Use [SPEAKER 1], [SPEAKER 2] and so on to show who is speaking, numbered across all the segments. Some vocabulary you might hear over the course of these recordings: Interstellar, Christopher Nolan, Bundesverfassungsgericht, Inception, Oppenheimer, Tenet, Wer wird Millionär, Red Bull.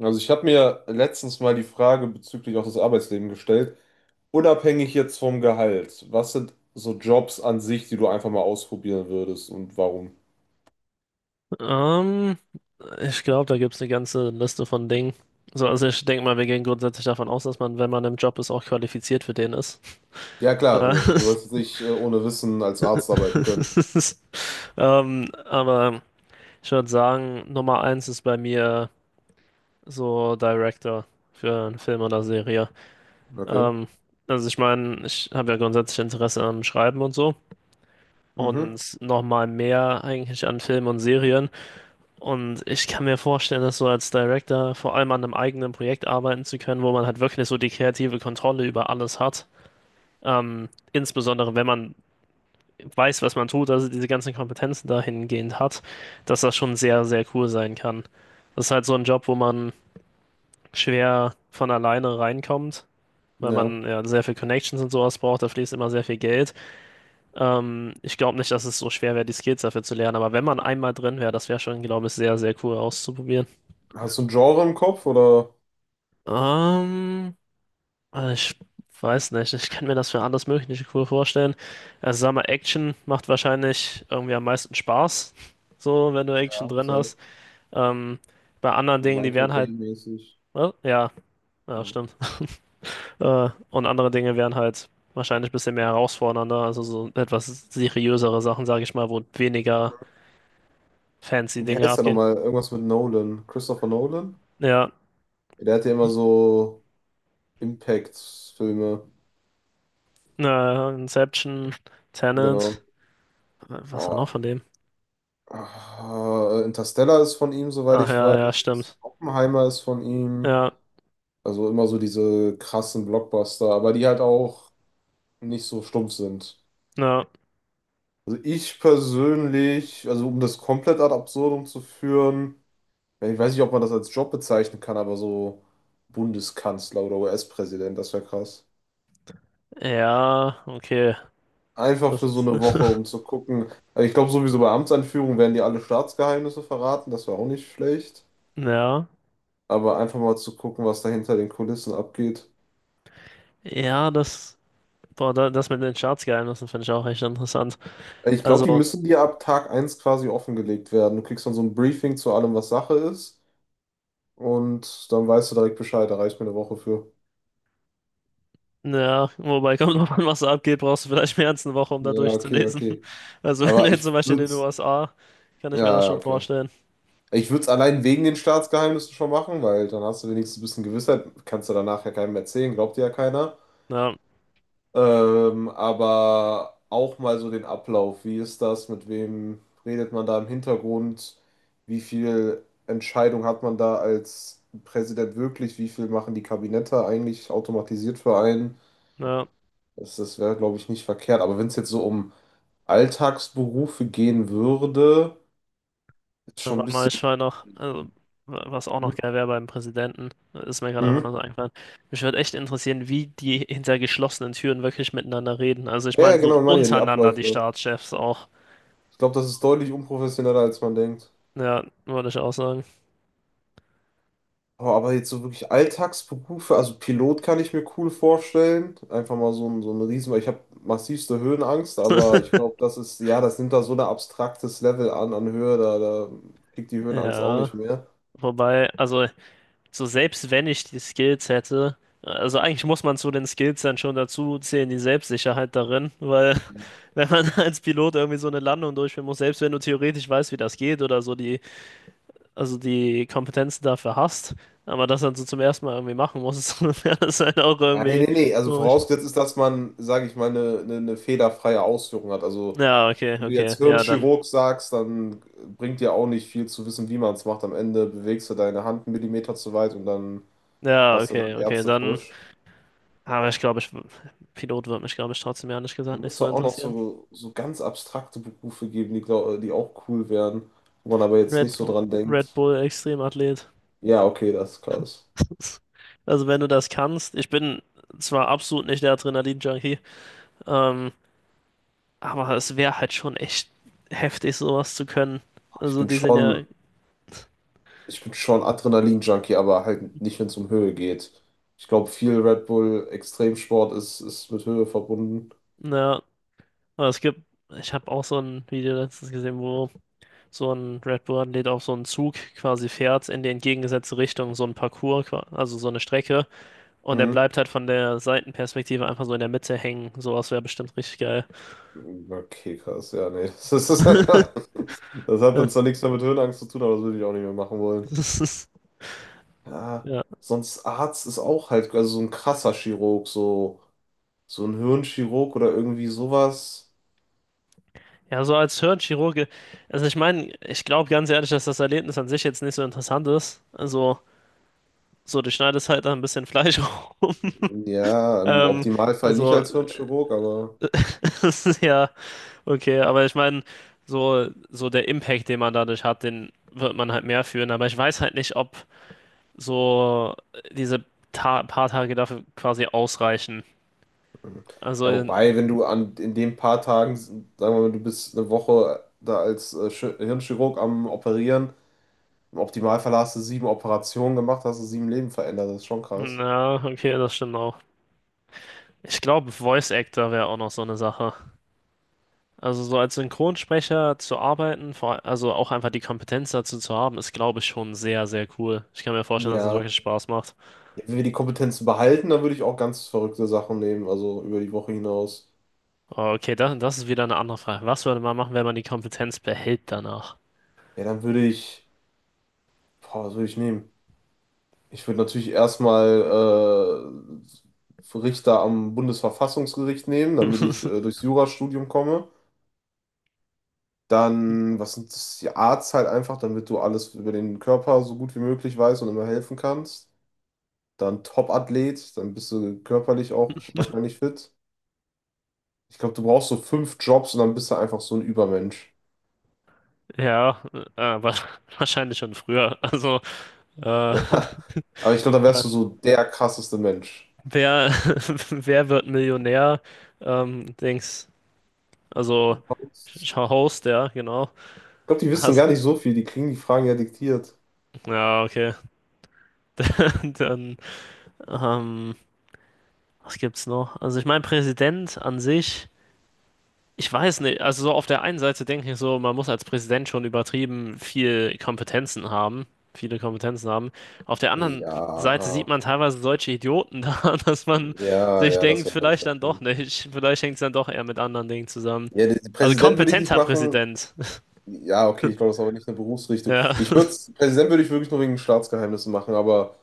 [SPEAKER 1] Also ich habe mir letztens mal die Frage bezüglich auch des Arbeitslebens gestellt, unabhängig jetzt vom Gehalt. Was sind so Jobs an sich, die du einfach mal ausprobieren würdest und warum?
[SPEAKER 2] Ähm, Ich glaube, da gibt es eine ganze Liste von Dingen. So, also ich denke mal, wir gehen grundsätzlich davon aus, dass man, wenn man im Job ist, auch qualifiziert für den ist.
[SPEAKER 1] Ja klar,
[SPEAKER 2] Äh,
[SPEAKER 1] du, also du sollst nicht ohne Wissen als Arzt arbeiten können.
[SPEAKER 2] aber ich würde sagen, Nummer eins ist bei mir so Director für einen Film oder Serie.
[SPEAKER 1] Okay.
[SPEAKER 2] Ähm, also ich meine, ich habe ja grundsätzlich Interesse am Schreiben und so
[SPEAKER 1] Mhm.
[SPEAKER 2] und noch mal mehr eigentlich an Filmen und Serien. Und ich kann mir vorstellen, dass so als Director vor allem an einem eigenen Projekt arbeiten zu können, wo man halt wirklich so die kreative Kontrolle über alles hat. Insbesondere wenn man weiß, was man tut, also diese ganzen Kompetenzen dahingehend hat, dass das schon sehr, sehr cool sein kann. Das ist halt so ein Job, wo man schwer von alleine reinkommt, weil
[SPEAKER 1] Ja.
[SPEAKER 2] man ja sehr viel Connections und sowas braucht, da fließt immer sehr viel Geld. Ich glaube nicht, dass es so schwer wäre, die Skills dafür zu lernen, aber wenn man einmal drin wäre, das wäre schon, glaube ich, sehr, sehr cool auszuprobieren.
[SPEAKER 1] Hast du ein Genre im Kopf oder?
[SPEAKER 2] Ähm, also ich weiß nicht, ich kann mir das für alles Mögliche cool vorstellen. Also sag mal, Action macht wahrscheinlich irgendwie am meisten Spaß, so wenn du Action
[SPEAKER 1] Ja,
[SPEAKER 2] drin
[SPEAKER 1] safe.
[SPEAKER 2] hast. Ähm, Bei anderen
[SPEAKER 1] So
[SPEAKER 2] Dingen, die
[SPEAKER 1] Michael
[SPEAKER 2] wären halt,
[SPEAKER 1] Bay-mäßig.
[SPEAKER 2] ja, ja,
[SPEAKER 1] Ja.
[SPEAKER 2] stimmt. Und andere Dinge wären halt wahrscheinlich ein bisschen mehr herausfordernder, also so etwas seriösere Sachen, sage ich mal, wo weniger fancy
[SPEAKER 1] Wie
[SPEAKER 2] Dinge
[SPEAKER 1] heißt der
[SPEAKER 2] abgehen.
[SPEAKER 1] nochmal? Irgendwas mit Nolan. Christopher Nolan?
[SPEAKER 2] Ja,
[SPEAKER 1] Der hat ja immer so Impact-Filme.
[SPEAKER 2] Inception, Tenet,
[SPEAKER 1] Genau.
[SPEAKER 2] was war noch
[SPEAKER 1] Oh,
[SPEAKER 2] von dem?
[SPEAKER 1] ah, Interstellar ist von ihm, soweit
[SPEAKER 2] Ach
[SPEAKER 1] ich
[SPEAKER 2] ja, ja,
[SPEAKER 1] weiß.
[SPEAKER 2] stimmt.
[SPEAKER 1] Oppenheimer ist von ihm.
[SPEAKER 2] Ja,
[SPEAKER 1] Also immer so diese krassen Blockbuster, aber die halt auch nicht so stumpf sind.
[SPEAKER 2] ja.
[SPEAKER 1] Also ich persönlich, also um das komplett ad absurdum zu führen, ja, ich weiß nicht, ob man das als Job bezeichnen kann, aber so Bundeskanzler oder US-Präsident, das wäre krass.
[SPEAKER 2] Ja, okay.
[SPEAKER 1] Einfach
[SPEAKER 2] Das
[SPEAKER 1] für so
[SPEAKER 2] ist,
[SPEAKER 1] eine Woche, um zu gucken. Also ich glaube sowieso bei Amtsanführung werden die alle Staatsgeheimnisse verraten, das wäre auch nicht schlecht.
[SPEAKER 2] ja.
[SPEAKER 1] Aber einfach mal zu gucken, was da hinter den Kulissen abgeht.
[SPEAKER 2] Ja, das, boah, da, das mit den Staatsgeheimnissen finde ich auch echt interessant.
[SPEAKER 1] Ich glaube, die
[SPEAKER 2] Also,
[SPEAKER 1] müssen dir ab Tag eins quasi offengelegt werden. Du kriegst dann so ein Briefing zu allem, was Sache ist. Und dann weißt du direkt Bescheid. Da reicht mir eine Woche für.
[SPEAKER 2] ja, wobei kommt drauf an, was da abgeht, brauchst du vielleicht mehr als eine Woche, um da
[SPEAKER 1] Ja, okay,
[SPEAKER 2] durchzulesen.
[SPEAKER 1] okay.
[SPEAKER 2] Also, wenn du
[SPEAKER 1] Aber
[SPEAKER 2] jetzt
[SPEAKER 1] ich
[SPEAKER 2] zum Beispiel
[SPEAKER 1] würde
[SPEAKER 2] in den
[SPEAKER 1] es.
[SPEAKER 2] USA, kann
[SPEAKER 1] Ja,
[SPEAKER 2] ich mir das
[SPEAKER 1] ja,
[SPEAKER 2] schon
[SPEAKER 1] okay.
[SPEAKER 2] vorstellen.
[SPEAKER 1] Ich würde es allein wegen den Staatsgeheimnissen schon machen, weil dann hast du wenigstens ein bisschen Gewissheit. Kannst du danach ja keinem erzählen, glaubt dir ja keiner.
[SPEAKER 2] Ja,
[SPEAKER 1] Aber auch mal so den Ablauf. Wie ist das? Mit wem redet man da im Hintergrund? Wie viel Entscheidung hat man da als Präsident wirklich? Wie viel machen die Kabinette eigentlich automatisiert für einen?
[SPEAKER 2] ja,
[SPEAKER 1] Das wäre, glaube ich, nicht verkehrt. Aber wenn es jetzt so um Alltagsberufe gehen würde, ist
[SPEAKER 2] da
[SPEAKER 1] schon ein
[SPEAKER 2] war mal,
[SPEAKER 1] bisschen.
[SPEAKER 2] ich war noch, also, was auch noch
[SPEAKER 1] Hm?
[SPEAKER 2] geil wäre beim Präsidenten, ist mir gerade einfach nur
[SPEAKER 1] Mhm.
[SPEAKER 2] so eingefallen. Mich würde echt interessieren, wie die hinter geschlossenen Türen wirklich miteinander reden. Also, ich
[SPEAKER 1] Ja, ja,
[SPEAKER 2] meine, so
[SPEAKER 1] genau, ich meine ja die
[SPEAKER 2] untereinander die
[SPEAKER 1] Abläufe.
[SPEAKER 2] Staatschefs auch.
[SPEAKER 1] Ich glaube, das ist deutlich unprofessioneller, als man denkt.
[SPEAKER 2] Ja, würde ich auch sagen.
[SPEAKER 1] Oh, aber jetzt so wirklich Alltagsberufe, also Pilot kann ich mir cool vorstellen. Einfach mal so ein Riesen, weil ich habe massivste Höhenangst, aber ich glaube, das ist, ja, das nimmt da so ein abstraktes Level an, an Höhe, da kriegt die Höhenangst auch
[SPEAKER 2] Ja.
[SPEAKER 1] nicht mehr.
[SPEAKER 2] Wobei, also, so selbst wenn ich die Skills hätte, also eigentlich muss man zu den Skills dann schon dazu zählen, die Selbstsicherheit darin, weil wenn man als Pilot irgendwie so eine Landung durchführen muss, selbst wenn du theoretisch weißt, wie das geht oder so die, also die Kompetenzen dafür hast, aber das dann so zum ersten Mal irgendwie machen musst, wäre das halt auch
[SPEAKER 1] Ja, nee,
[SPEAKER 2] irgendwie
[SPEAKER 1] nee, nee, also
[SPEAKER 2] komisch.
[SPEAKER 1] vorausgesetzt ist, dass man, sage ich mal, eine fehlerfreie Ausführung hat. Also,
[SPEAKER 2] Ja, okay,
[SPEAKER 1] wenn du jetzt
[SPEAKER 2] okay, ja, dann.
[SPEAKER 1] Hirnchirurg sagst, dann bringt dir auch nicht viel zu wissen, wie man es macht. Am Ende bewegst du deine Hand einen Millimeter zu weit und dann
[SPEAKER 2] Ja,
[SPEAKER 1] hast du dann
[SPEAKER 2] okay, okay, dann.
[SPEAKER 1] Ärztefusch.
[SPEAKER 2] Aber ich glaube, ich, Pilot wird mich, glaube ich, trotzdem ehrlich
[SPEAKER 1] Da
[SPEAKER 2] gesagt nicht
[SPEAKER 1] muss
[SPEAKER 2] so
[SPEAKER 1] doch auch noch
[SPEAKER 2] interessieren.
[SPEAKER 1] so, so ganz abstrakte Berufe geben, die, glaub, die auch cool wären, wo man aber jetzt nicht
[SPEAKER 2] Red,
[SPEAKER 1] so
[SPEAKER 2] Bu-
[SPEAKER 1] dran
[SPEAKER 2] Red
[SPEAKER 1] denkt.
[SPEAKER 2] Bull Extremathlet.
[SPEAKER 1] Ja, okay, das ist krass.
[SPEAKER 2] Also wenn du das kannst, ich bin zwar absolut nicht der Adrenalin-Junkie, ähm, aber es wäre halt schon echt heftig, sowas zu können.
[SPEAKER 1] Ich
[SPEAKER 2] Also
[SPEAKER 1] bin
[SPEAKER 2] die sind ja,
[SPEAKER 1] schon, ich bin schon Adrenalin-Junkie, aber halt nicht, wenn es um Höhe geht. Ich glaube, viel Red Bull Extremsport ist, ist mit Höhe verbunden.
[SPEAKER 2] naja, aber es gibt, ich habe auch so ein Video letztens gesehen, wo so ein Red Bull-Athlet auf so einen Zug quasi fährt in die entgegengesetzte Richtung, so ein Parcours, also so eine Strecke, und er
[SPEAKER 1] Mhm.
[SPEAKER 2] bleibt halt von der Seitenperspektive einfach so in der Mitte hängen. Sowas wäre bestimmt richtig geil.
[SPEAKER 1] Okay, krass. Ja, nee. Das ist, das hat dann zwar nichts mehr mit Höhenangst zu tun, aber das würde ich auch nicht mehr machen wollen.
[SPEAKER 2] Das ist,
[SPEAKER 1] Ja,
[SPEAKER 2] ja.
[SPEAKER 1] sonst Arzt ist auch halt, also so ein krasser Chirurg, so. So ein Hirnchirurg oder irgendwie sowas.
[SPEAKER 2] Ja, so als Hirnchirurge, also ich meine, ich glaube ganz ehrlich, dass das Erlebnis an sich jetzt nicht so interessant ist. Also, so, du schneidest halt da ein bisschen Fleisch rum.
[SPEAKER 1] Ja, im
[SPEAKER 2] Ähm,
[SPEAKER 1] Optimalfall nicht
[SPEAKER 2] also,
[SPEAKER 1] als Hirnchirurg, aber
[SPEAKER 2] es ist ja okay, aber ich meine, so, so der Impact, den man dadurch hat, den wird man halt mehr fühlen. Aber ich weiß halt nicht, ob so diese ta paar Tage dafür quasi ausreichen.
[SPEAKER 1] hm. Ja,
[SPEAKER 2] Also,
[SPEAKER 1] wobei, wenn du an in den paar Tagen, sagen wir mal, du bist eine Woche da als Hirnchirurg am Operieren, im Optimalfall hast du sieben Operationen gemacht, hast du sieben Leben verändert, das ist schon krass.
[SPEAKER 2] na, okay, das stimmt auch. Ich glaube, Voice Actor wäre auch noch so eine Sache. Also so als Synchronsprecher zu arbeiten, vor, also auch einfach die Kompetenz dazu zu haben, ist, glaube ich, schon sehr, sehr cool. Ich kann mir vorstellen, dass das
[SPEAKER 1] Ja,
[SPEAKER 2] wirklich Spaß macht.
[SPEAKER 1] ja, wenn wir die Kompetenzen behalten, dann würde ich auch ganz verrückte Sachen nehmen, also über die Woche hinaus.
[SPEAKER 2] Oh, okay, das, das ist wieder eine andere Frage. Was würde man machen, wenn man die Kompetenz behält danach?
[SPEAKER 1] Ja, dann würde ich, boah, was würde ich nehmen? Ich würde natürlich erstmal Richter am Bundesverfassungsgericht nehmen, damit ich durchs Jurastudium komme. Dann, was sind das, die Arzt halt einfach, damit du alles über den Körper so gut wie möglich weißt und immer helfen kannst. Dann Top-Athlet, dann bist du körperlich auch wahrscheinlich fit. Ich glaube, du brauchst so fünf Jobs und dann bist du einfach so ein Übermensch.
[SPEAKER 2] Ja, äh, wa- wahrscheinlich schon früher. Also, äh,
[SPEAKER 1] Ja, aber ich glaube, dann
[SPEAKER 2] äh,
[SPEAKER 1] wärst du so der krasseste Mensch.
[SPEAKER 2] wer, wer wird Millionär? Dings, also
[SPEAKER 1] Sonst-
[SPEAKER 2] Host, ja, genau.
[SPEAKER 1] Ich glaube, die wissen
[SPEAKER 2] Hast,
[SPEAKER 1] gar nicht so viel, die kriegen die Fragen ja diktiert.
[SPEAKER 2] ja, okay. Dann, ähm, was gibt's noch? Also ich meine, Präsident an sich, ich weiß nicht, also so auf der einen Seite denke ich so, man muss als Präsident schon übertrieben viel Kompetenzen haben, viele Kompetenzen haben. Auf der anderen Seite sieht
[SPEAKER 1] Ja.
[SPEAKER 2] man teilweise solche Idioten da, dass man
[SPEAKER 1] Ja,
[SPEAKER 2] sich
[SPEAKER 1] ja, das
[SPEAKER 2] denkt,
[SPEAKER 1] wäre nämlich
[SPEAKER 2] vielleicht
[SPEAKER 1] der
[SPEAKER 2] dann doch
[SPEAKER 1] Punkt.
[SPEAKER 2] nicht, vielleicht hängt es dann doch eher mit anderen Dingen zusammen.
[SPEAKER 1] Ja, den
[SPEAKER 2] Also
[SPEAKER 1] Präsident würde ich nicht
[SPEAKER 2] kompetenter
[SPEAKER 1] machen.
[SPEAKER 2] Präsident.
[SPEAKER 1] Ja, okay, ich glaube, das ist aber nicht eine Berufsrichtung.
[SPEAKER 2] Ja,
[SPEAKER 1] Ich würde, Präsident würde ich wirklich nur wegen Staatsgeheimnissen machen, aber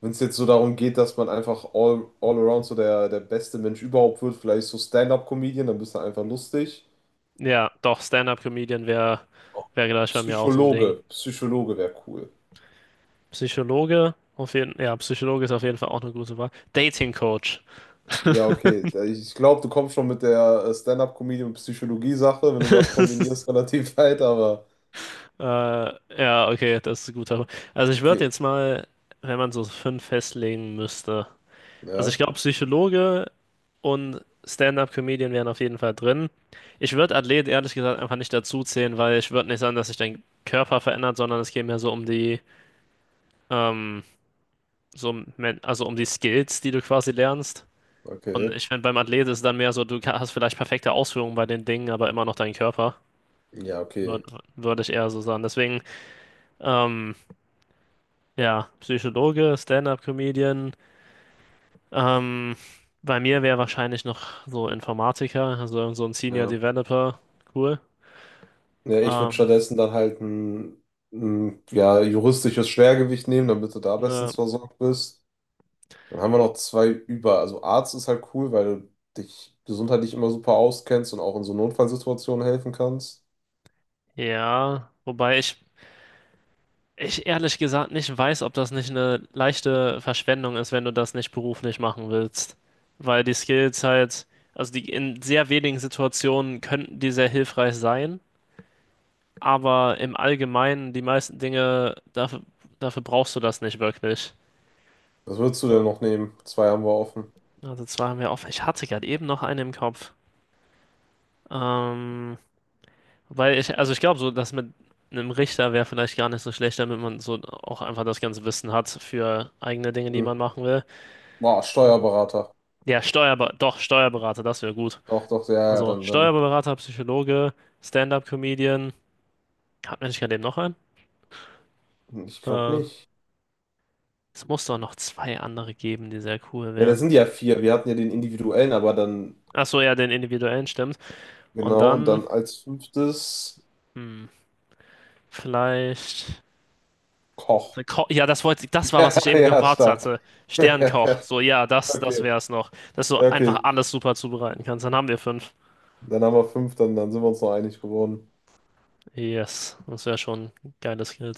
[SPEAKER 1] wenn es jetzt so darum geht, dass man einfach all around so der, der beste Mensch überhaupt wird, vielleicht so Stand-up-Comedian, dann bist du einfach lustig.
[SPEAKER 2] ja, doch, Stand-up-Comedian wäre
[SPEAKER 1] Oh,
[SPEAKER 2] wär gleich bei mir auch so ein Ding.
[SPEAKER 1] Psychologe, Psychologe wäre cool.
[SPEAKER 2] Psychologe, auf jeden, ja, Psychologe ist auf jeden Fall auch eine gute Wahl. Dating-Coach.
[SPEAKER 1] Ja, okay. Da- ich glaube, du kommst schon mit der Stand-up-Comedy und Psychologie-Sache, wenn du das kombinierst, relativ weit, aber
[SPEAKER 2] Ja, okay, das ist ein guter. Also ich würde
[SPEAKER 1] okay.
[SPEAKER 2] jetzt mal, wenn man so fünf festlegen müsste. Also ich
[SPEAKER 1] Ja,
[SPEAKER 2] glaube, Psychologe und Stand-up-Comedian wären auf jeden Fall drin. Ich würde Athlet ehrlich gesagt einfach nicht dazu zählen, weil ich würde nicht sagen, dass sich dein Körper verändert, sondern es geht mehr so um die, ähm, so um, also um die Skills, die du quasi lernst. Und
[SPEAKER 1] okay.
[SPEAKER 2] ich finde, beim Athlet ist es dann mehr so, du hast vielleicht perfekte Ausführungen bei den Dingen, aber immer noch deinen Körper.
[SPEAKER 1] Ja,
[SPEAKER 2] Würde
[SPEAKER 1] okay.
[SPEAKER 2] würd würd ich eher so sagen. Deswegen, ähm, ja, Psychologe, Stand-up-Comedian. Ähm, Bei mir wäre wahrscheinlich noch so Informatiker, also so ein Senior
[SPEAKER 1] Ja.
[SPEAKER 2] Developer. Cool.
[SPEAKER 1] Ja, ich würde
[SPEAKER 2] Ähm,
[SPEAKER 1] stattdessen dann halt ein ja, juristisches Schwergewicht nehmen, damit du da
[SPEAKER 2] ne,
[SPEAKER 1] bestens versorgt bist. Dann haben wir noch zwei über. Also Arzt ist halt cool, weil du dich gesundheitlich immer super auskennst und auch in so Notfallsituationen helfen kannst.
[SPEAKER 2] ja, wobei ich ehrlich gesagt nicht weiß, ob das nicht eine leichte Verschwendung ist, wenn du das nicht beruflich machen willst. Weil die Skills halt, also die in sehr wenigen Situationen könnten die sehr hilfreich sein, aber im Allgemeinen die meisten Dinge, dafür brauchst du das nicht wirklich.
[SPEAKER 1] Was würdest du denn
[SPEAKER 2] So,
[SPEAKER 1] noch nehmen? Zwei haben wir offen.
[SPEAKER 2] also zwei haben wir offen. Ich hatte gerade eben noch eine im Kopf. Ähm, Weil ich, also ich glaube, so dass mit einem Richter wäre vielleicht gar nicht so schlecht, damit man so auch einfach das ganze Wissen hat für eigene Dinge, die
[SPEAKER 1] Hm.
[SPEAKER 2] man machen will.
[SPEAKER 1] Boah, Steuerberater.
[SPEAKER 2] Ja, Steuerber doch, Steuerberater, das wäre gut.
[SPEAKER 1] Doch, doch, ja, ja,
[SPEAKER 2] Also
[SPEAKER 1] dann.
[SPEAKER 2] Steuerberater, Psychologe, Stand-up-Comedian. Hat man nicht gerade eben noch einen?
[SPEAKER 1] Ich glaube
[SPEAKER 2] Äh,
[SPEAKER 1] nicht.
[SPEAKER 2] Es muss doch noch zwei andere geben, die sehr cool
[SPEAKER 1] Ja, das
[SPEAKER 2] wären.
[SPEAKER 1] sind ja vier. Wir hatten ja den individuellen, aber dann,
[SPEAKER 2] Achso, ja, den individuellen stimmt. Und
[SPEAKER 1] genau, und
[SPEAKER 2] dann,
[SPEAKER 1] dann als fünftes
[SPEAKER 2] hm, vielleicht.
[SPEAKER 1] Koch.
[SPEAKER 2] Ja, das wollte, das war, was ich eben
[SPEAKER 1] Ja,
[SPEAKER 2] gemacht
[SPEAKER 1] stark.
[SPEAKER 2] hatte. Sternkoch. So, ja, das, das wäre
[SPEAKER 1] Okay.
[SPEAKER 2] es noch. Dass du
[SPEAKER 1] Ja,
[SPEAKER 2] einfach
[SPEAKER 1] okay,
[SPEAKER 2] alles super zubereiten kannst. Dann haben wir fünf.
[SPEAKER 1] dann haben wir fünf, dann sind wir uns noch einig geworden.
[SPEAKER 2] Yes, das wäre schon ein geiles Skill.